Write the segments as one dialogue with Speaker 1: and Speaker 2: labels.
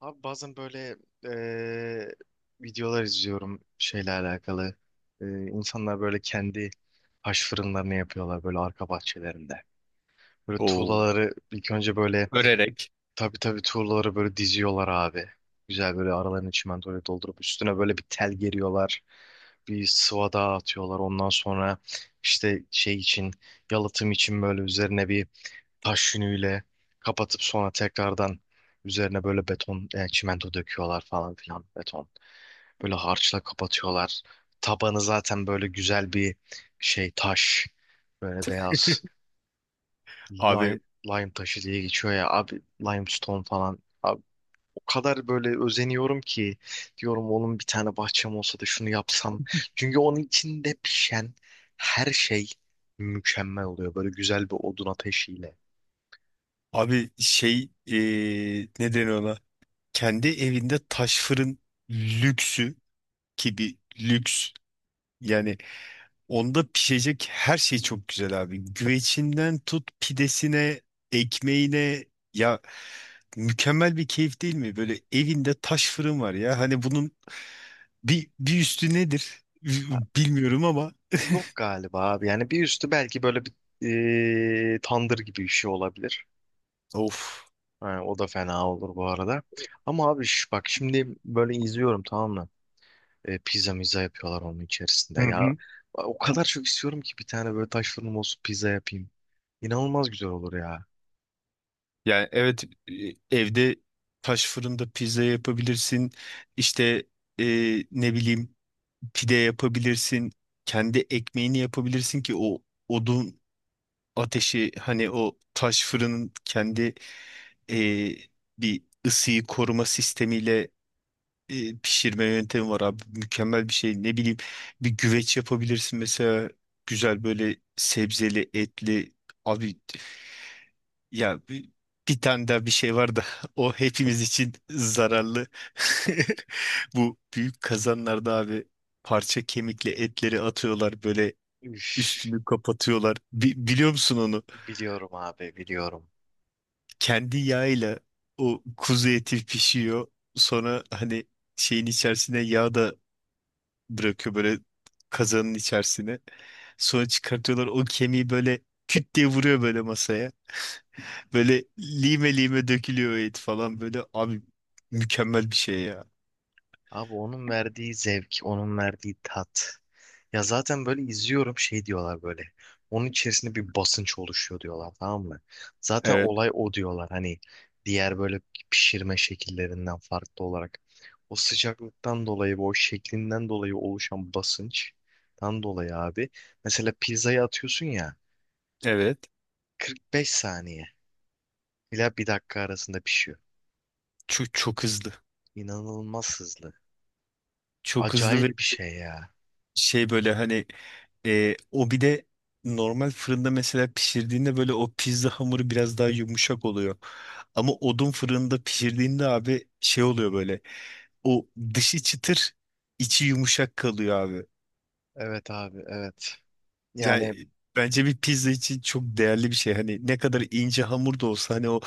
Speaker 1: Abi bazen böyle eee, videolar izliyorum şeyle alakalı. İnsanlar böyle kendi taş fırınlarını yapıyorlar böyle arka bahçelerinde. Böyle
Speaker 2: O
Speaker 1: tuğlaları ilk önce böyle
Speaker 2: örerek.
Speaker 1: tabii tabii tuğlaları böyle diziyorlar abi. Güzel böyle aralarını çimentoyla doldurup üstüne böyle bir tel geriyorlar. Bir sıvada atıyorlar. Ondan sonra işte şey için yalıtım için böyle üzerine bir taş yünüyle kapatıp sonra tekrardan üzerine böyle beton, çimento döküyorlar falan filan beton. Böyle harçla kapatıyorlar. Tabanı zaten böyle güzel bir şey taş. Böyle beyaz
Speaker 2: Abi
Speaker 1: lime, lime taşı diye geçiyor ya abi limestone falan. Abi, o kadar böyle özeniyorum ki diyorum onun bir tane bahçem olsa da şunu yapsam. Çünkü onun içinde pişen her şey mükemmel oluyor. Böyle güzel bir odun ateşiyle.
Speaker 2: abi şey ne deniyor ona? Kendi evinde taş fırın lüksü ki bir lüks yani onda pişecek her şey çok güzel abi. Güvecinden tut pidesine, ekmeğine ya mükemmel bir keyif değil mi? Böyle evinde taş fırın var ya. Hani bunun bir üstü nedir? Bilmiyorum ama
Speaker 1: Yok galiba abi. Yani bir üstü belki böyle bir tandır gibi bir şey olabilir.
Speaker 2: of.
Speaker 1: Ha, o da fena olur bu arada. Ama abi şu, bak şimdi böyle izliyorum, tamam mı? Pizza miza yapıyorlar onun içerisinde. Ya o kadar çok istiyorum ki bir tane böyle taş fırınım olsun, pizza yapayım. İnanılmaz güzel olur ya.
Speaker 2: Yani evet e, evde taş fırında pizza yapabilirsin. İşte e, ne bileyim pide yapabilirsin. Kendi ekmeğini yapabilirsin ki o odun ateşi hani o taş fırının kendi e, bir ısıyı koruma sistemiyle pişirme yöntemi var abi. Mükemmel bir şey. Ne bileyim bir güveç yapabilirsin mesela güzel böyle sebzeli etli abi ya bir tane daha bir şey var da o hepimiz için zararlı. Bu büyük kazanlarda abi parça kemikle etleri atıyorlar böyle
Speaker 1: Üf.
Speaker 2: üstünü kapatıyorlar. Biliyor musun onu?
Speaker 1: Biliyorum abi, biliyorum.
Speaker 2: Kendi yağıyla o kuzu eti pişiyor. Sonra hani şeyin içerisine yağ da bırakıyor böyle kazanın içerisine. Sonra çıkartıyorlar o kemiği böyle küt diye vuruyor böyle masaya. Böyle lime lime dökülüyor o et falan böyle abi mükemmel bir şey ya.
Speaker 1: Abi onun verdiği zevk, onun verdiği tat. Ya zaten böyle izliyorum, şey diyorlar böyle. Onun içerisinde bir basınç oluşuyor diyorlar, tamam mı? Zaten
Speaker 2: Evet,
Speaker 1: olay o diyorlar hani, diğer böyle pişirme şekillerinden farklı olarak. O sıcaklıktan dolayı ve o şeklinden dolayı oluşan basınçtan dolayı abi. Mesela pizzayı atıyorsun ya,
Speaker 2: evet.
Speaker 1: 45 saniye ila bir dakika arasında pişiyor.
Speaker 2: Çok çok hızlı.
Speaker 1: İnanılmaz hızlı.
Speaker 2: Çok hızlı ve
Speaker 1: Acayip bir şey ya.
Speaker 2: şey böyle hani o bir de normal fırında mesela pişirdiğinde böyle o pizza hamuru biraz daha yumuşak oluyor. Ama odun fırında pişirdiğinde abi şey oluyor böyle. O dışı çıtır, içi yumuşak kalıyor abi.
Speaker 1: Evet abi, evet. Yani
Speaker 2: Yani bence bir pizza için çok değerli bir şey. Hani ne kadar ince hamur da olsa hani o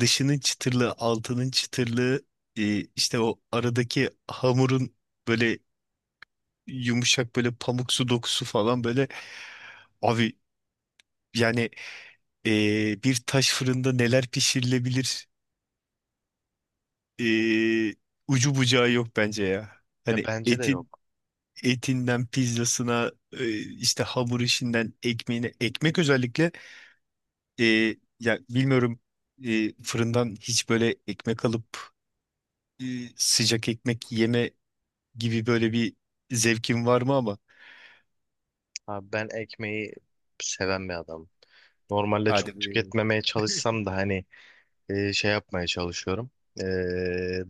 Speaker 2: dışının çıtırlı, altının çıtırlı, işte o aradaki hamurun böyle yumuşak böyle pamuksu dokusu falan böyle abi yani bir taş fırında neler pişirilebilir e, ucu bucağı yok bence ya.
Speaker 1: ya
Speaker 2: Hani
Speaker 1: bence de yok.
Speaker 2: etinden pizzasına işte hamur işinden ekmeğine ekmek özellikle ya bilmiyorum fırından hiç böyle ekmek alıp e, sıcak ekmek yeme gibi böyle bir zevkin var mı ama?
Speaker 1: Abi ben ekmeği seven bir adam. Normalde
Speaker 2: Hadi
Speaker 1: çok
Speaker 2: buyurun.
Speaker 1: tüketmemeye çalışsam da hani şey yapmaya çalışıyorum. E,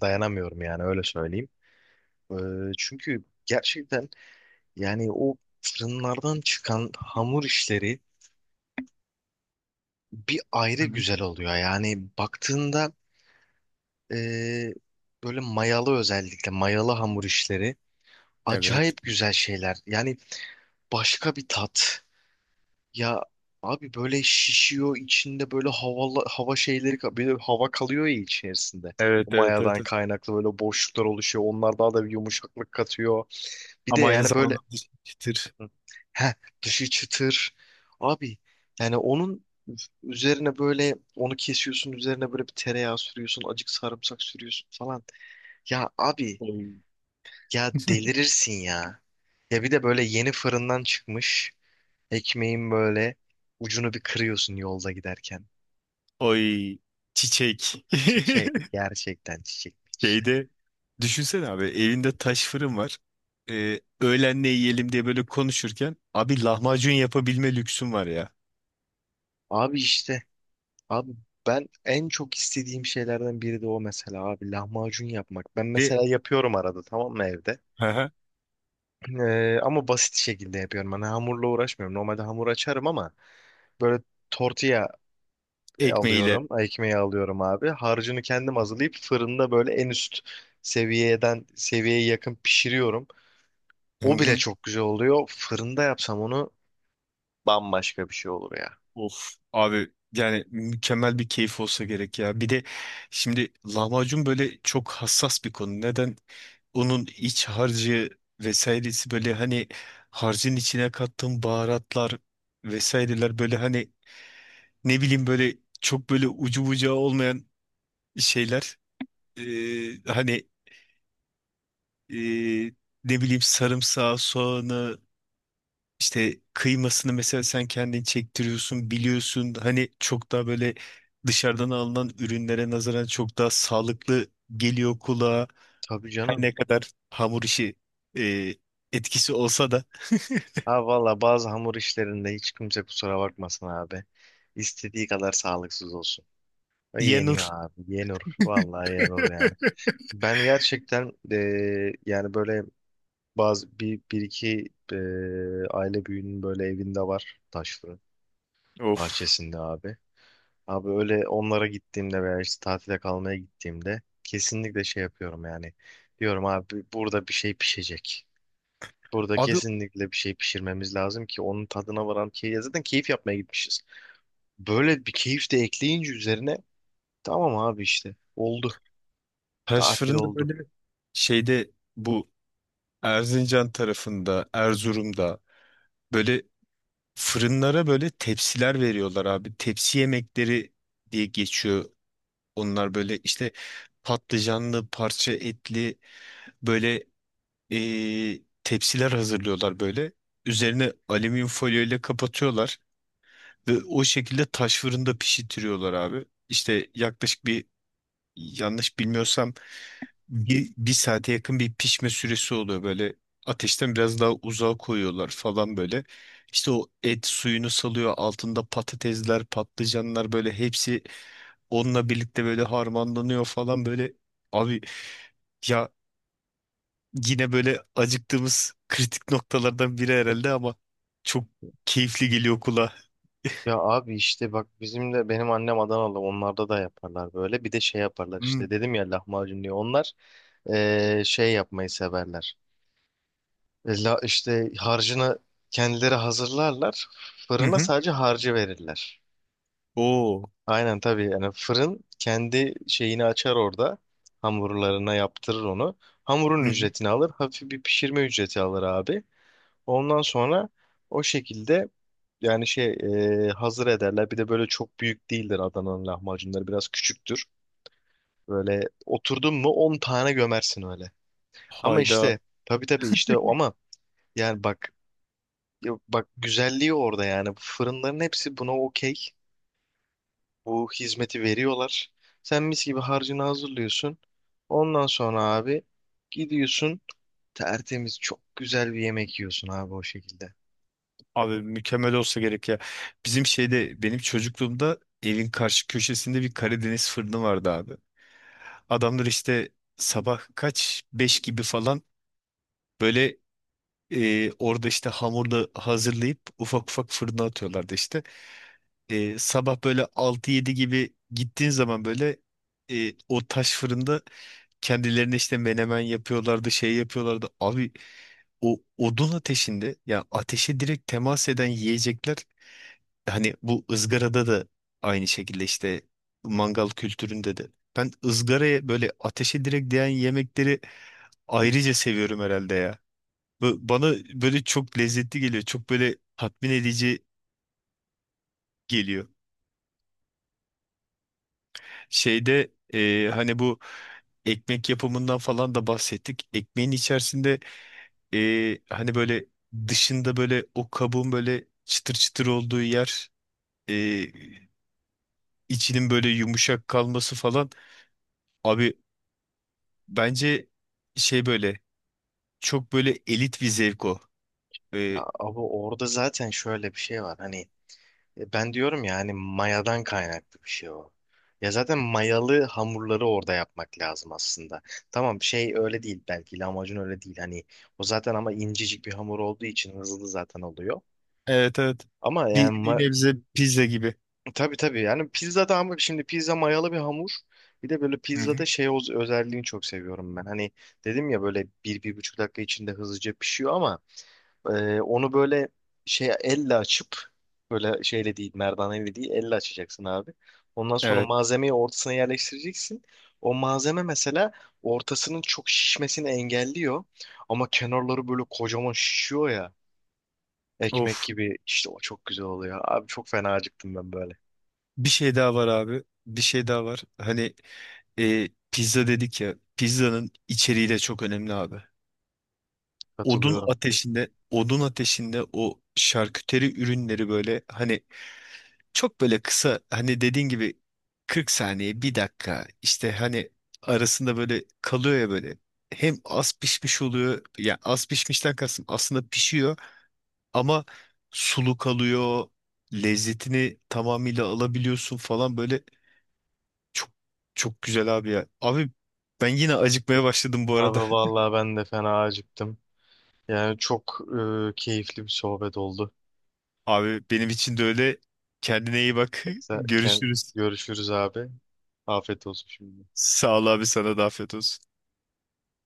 Speaker 1: dayanamıyorum yani, öyle söyleyeyim. E, çünkü gerçekten yani o fırınlardan çıkan hamur işleri bir ayrı
Speaker 2: Hı hı.
Speaker 1: güzel oluyor. Yani baktığında e, böyle mayalı, özellikle mayalı hamur işleri
Speaker 2: Evet.
Speaker 1: acayip güzel şeyler. Yani başka bir tat. Ya abi böyle şişiyor içinde böyle havalı, hava şeyleri böyle hava kalıyor ya içerisinde. O
Speaker 2: Evet, evet, evet,
Speaker 1: mayadan
Speaker 2: evet.
Speaker 1: kaynaklı böyle boşluklar oluşuyor. Onlar daha da bir yumuşaklık katıyor. Bir de
Speaker 2: Ama aynı
Speaker 1: yani
Speaker 2: zamanda
Speaker 1: böyle,
Speaker 2: çıtır.
Speaker 1: hı. heh, Dışı çıtır. Abi yani onun üzerine böyle, onu kesiyorsun, üzerine böyle bir tereyağı sürüyorsun, acık sarımsak sürüyorsun falan. Ya abi ya delirirsin ya. Ya bir de böyle yeni fırından çıkmış. Ekmeğin böyle ucunu bir kırıyorsun yolda giderken.
Speaker 2: Oy, çiçek.
Speaker 1: Çiçek, gerçekten çiçekmiş, ya.
Speaker 2: Şeyde düşünsene abi elinde taş fırın var. Öğlen ne yiyelim diye böyle konuşurken abi lahmacun yapabilme lüksün var ya.
Speaker 1: Abi işte abi ben en çok istediğim şeylerden biri de o mesela abi, lahmacun yapmak. Ben
Speaker 2: Ve.
Speaker 1: mesela yapıyorum arada, tamam mı, evde.
Speaker 2: Hı hı.
Speaker 1: Ama basit şekilde yapıyorum. Hani hamurla uğraşmıyorum. Normalde hamur açarım ama böyle tortilla
Speaker 2: Ekmeğiyle.
Speaker 1: alıyorum, ekmeği alıyorum abi. Harcını kendim hazırlayıp fırında böyle en üst seviyeden, seviyeye yakın pişiriyorum. O bile çok güzel oluyor. Fırında yapsam onu bambaşka bir şey olur ya.
Speaker 2: Of abi yani mükemmel bir keyif olsa gerek ya. Bir de şimdi lahmacun böyle çok hassas bir konu. Neden? Onun iç harcı vesairesi böyle hani harcın içine kattığım baharatlar vesaireler böyle hani ne bileyim böyle çok böyle ucu bucağı olmayan şeyler. Hani ee, ne bileyim sarımsağı, soğanı İşte kıymasını mesela sen kendin çektiriyorsun, biliyorsun. Hani çok daha böyle dışarıdan alınan ürünlere nazaran çok daha sağlıklı geliyor kulağa.
Speaker 1: Tabii
Speaker 2: Her
Speaker 1: canım.
Speaker 2: ne kadar hamur işi e, etkisi olsa da
Speaker 1: Ha valla bazı hamur işlerinde hiç kimse kusura bakmasın abi. İstediği kadar sağlıksız olsun. O yeniyor
Speaker 2: yenur.
Speaker 1: abi. Yenir. Vallahi yenir yani. Ben gerçekten yani böyle bazı bir iki aile büyüğünün böyle evinde var taş fırın,
Speaker 2: Of.
Speaker 1: bahçesinde abi. Abi öyle onlara gittiğimde veya işte tatile kalmaya gittiğimde kesinlikle şey yapıyorum yani. Diyorum abi, burada bir şey pişecek. Burada
Speaker 2: Abi
Speaker 1: kesinlikle bir şey pişirmemiz lazım ki onun tadına varan, ki ya zaten keyif yapmaya gitmişiz. Böyle bir keyif de ekleyince üzerine, tamam abi işte, oldu.
Speaker 2: taş
Speaker 1: Tatil
Speaker 2: fırında
Speaker 1: oldu.
Speaker 2: böyle şeyde bu Erzincan tarafında, Erzurum'da böyle fırınlara böyle tepsiler veriyorlar abi. Tepsi yemekleri diye geçiyor. Onlar böyle işte patlıcanlı, parça etli böyle tepsiler hazırlıyorlar böyle. Üzerine alüminyum folyo ile kapatıyorlar ve o şekilde taş fırında pişirtiyorlar abi. İşte yaklaşık bir yanlış bilmiyorsam bir saate yakın bir pişme süresi oluyor böyle. Ateşten biraz daha uzağa koyuyorlar falan böyle. İşte o et suyunu salıyor. Altında patatesler, patlıcanlar böyle hepsi onunla birlikte böyle harmanlanıyor falan böyle. Abi ya yine böyle acıktığımız kritik noktalardan biri herhalde ama çok keyifli geliyor kulağa.
Speaker 1: Ya abi işte bak, bizim de, benim annem Adanalı, onlarda da yaparlar böyle. Bir de şey yaparlar
Speaker 2: Hmm.
Speaker 1: işte, dedim ya lahmacun diye. Onlar Şey yapmayı severler. E, La, işte harcını kendileri hazırlarlar.
Speaker 2: Hı
Speaker 1: Fırına
Speaker 2: hı.
Speaker 1: sadece harcı verirler.
Speaker 2: Oo.
Speaker 1: Aynen tabii, yani fırın kendi şeyini açar orada. Hamurlarına yaptırır onu.
Speaker 2: Hı
Speaker 1: Hamurun
Speaker 2: hı.
Speaker 1: ücretini alır. Hafif bir pişirme ücreti alır abi. Ondan sonra o şekilde yani şey, hazır ederler. Bir de böyle çok büyük değildir Adana'nın lahmacunları. Biraz küçüktür. Böyle oturdun mu 10 tane gömersin öyle. Ama
Speaker 2: Hayda.
Speaker 1: işte tabii tabii işte ama, yani bak, ya bak, güzelliği orada yani. Fırınların hepsi buna okey. Bu hizmeti veriyorlar. Sen mis gibi harcını hazırlıyorsun. Ondan sonra abi gidiyorsun, tertemiz çok güzel bir yemek yiyorsun abi o şekilde.
Speaker 2: Abi mükemmel olsa gerek ya. Bizim şeyde benim çocukluğumda evin karşı köşesinde bir Karadeniz fırını vardı abi. Adamlar işte sabah kaç? Beş gibi falan böyle orada işte hamurla hazırlayıp ufak ufak fırına atıyorlardı işte. Sabah böyle altı yedi gibi gittiğin zaman böyle o taş fırında kendilerine işte menemen yapıyorlardı, şey yapıyorlardı. Abi o odun ateşinde ya ateşe direkt temas eden yiyecekler hani bu ızgarada da aynı şekilde işte mangal kültüründe de. Ben ızgaraya böyle ateşe direkt değen yemekleri ayrıca seviyorum herhalde ya. Bana böyle çok lezzetli geliyor. Çok böyle tatmin edici geliyor. Şeyde hani bu ekmek yapımından falan da bahsettik. Ekmeğin içerisinde hani böyle dışında böyle o kabuğun böyle çıtır çıtır olduğu yer, e, içinin böyle yumuşak kalması falan. Abi bence şey böyle çok böyle elit bir zevk o. E,
Speaker 1: Ya abi orada zaten şöyle bir şey var hani, ben diyorum ya hani mayadan kaynaklı bir şey o. Ya zaten mayalı hamurları orada yapmak lazım aslında. Tamam, şey öyle değil belki, lahmacun öyle değil hani, o zaten ama incecik bir hamur olduğu için hızlı zaten oluyor.
Speaker 2: evet, evet.
Speaker 1: Ama
Speaker 2: Bir
Speaker 1: yani
Speaker 2: nebze pizza gibi.
Speaker 1: tabii tabii yani pizza da, ama şimdi pizza mayalı bir hamur. Bir de böyle
Speaker 2: Hı hı.
Speaker 1: pizzada şey, o özelliğini çok seviyorum ben. Hani dedim ya, böyle bir, bir buçuk dakika içinde hızlıca pişiyor ama onu böyle şey elle açıp, böyle şeyle değil, merdaneyle değil, elle açacaksın abi. Ondan sonra
Speaker 2: Evet.
Speaker 1: malzemeyi ortasına yerleştireceksin. O malzeme mesela ortasının çok şişmesini engelliyor. Ama kenarları böyle kocaman şişiyor ya. Ekmek
Speaker 2: Of.
Speaker 1: gibi işte, o çok güzel oluyor. Abi çok fena acıktım ben böyle.
Speaker 2: Bir şey daha var abi. Bir şey daha var. Hani pizza dedik ya. Pizzanın içeriği de çok önemli abi.
Speaker 1: Katılıyorum.
Speaker 2: Odun ateşinde o şarküteri ürünleri böyle hani çok böyle kısa hani dediğin gibi 40 saniye bir dakika işte hani arasında böyle kalıyor ya böyle hem az pişmiş oluyor yani az pişmişten kastım aslında pişiyor ama sulu kalıyor lezzetini tamamıyla alabiliyorsun falan böyle çok çok güzel abi ya abi ben yine acıkmaya başladım bu
Speaker 1: Abi
Speaker 2: arada.
Speaker 1: vallahi ben de fena acıktım. Yani çok keyifli bir sohbet oldu.
Speaker 2: Abi benim için de öyle. Kendine iyi bak.
Speaker 1: Sen, kend-
Speaker 2: Görüşürüz.
Speaker 1: Görüşürüz abi. Afiyet olsun şimdi.
Speaker 2: Sağ ol abi sana da afiyet olsun.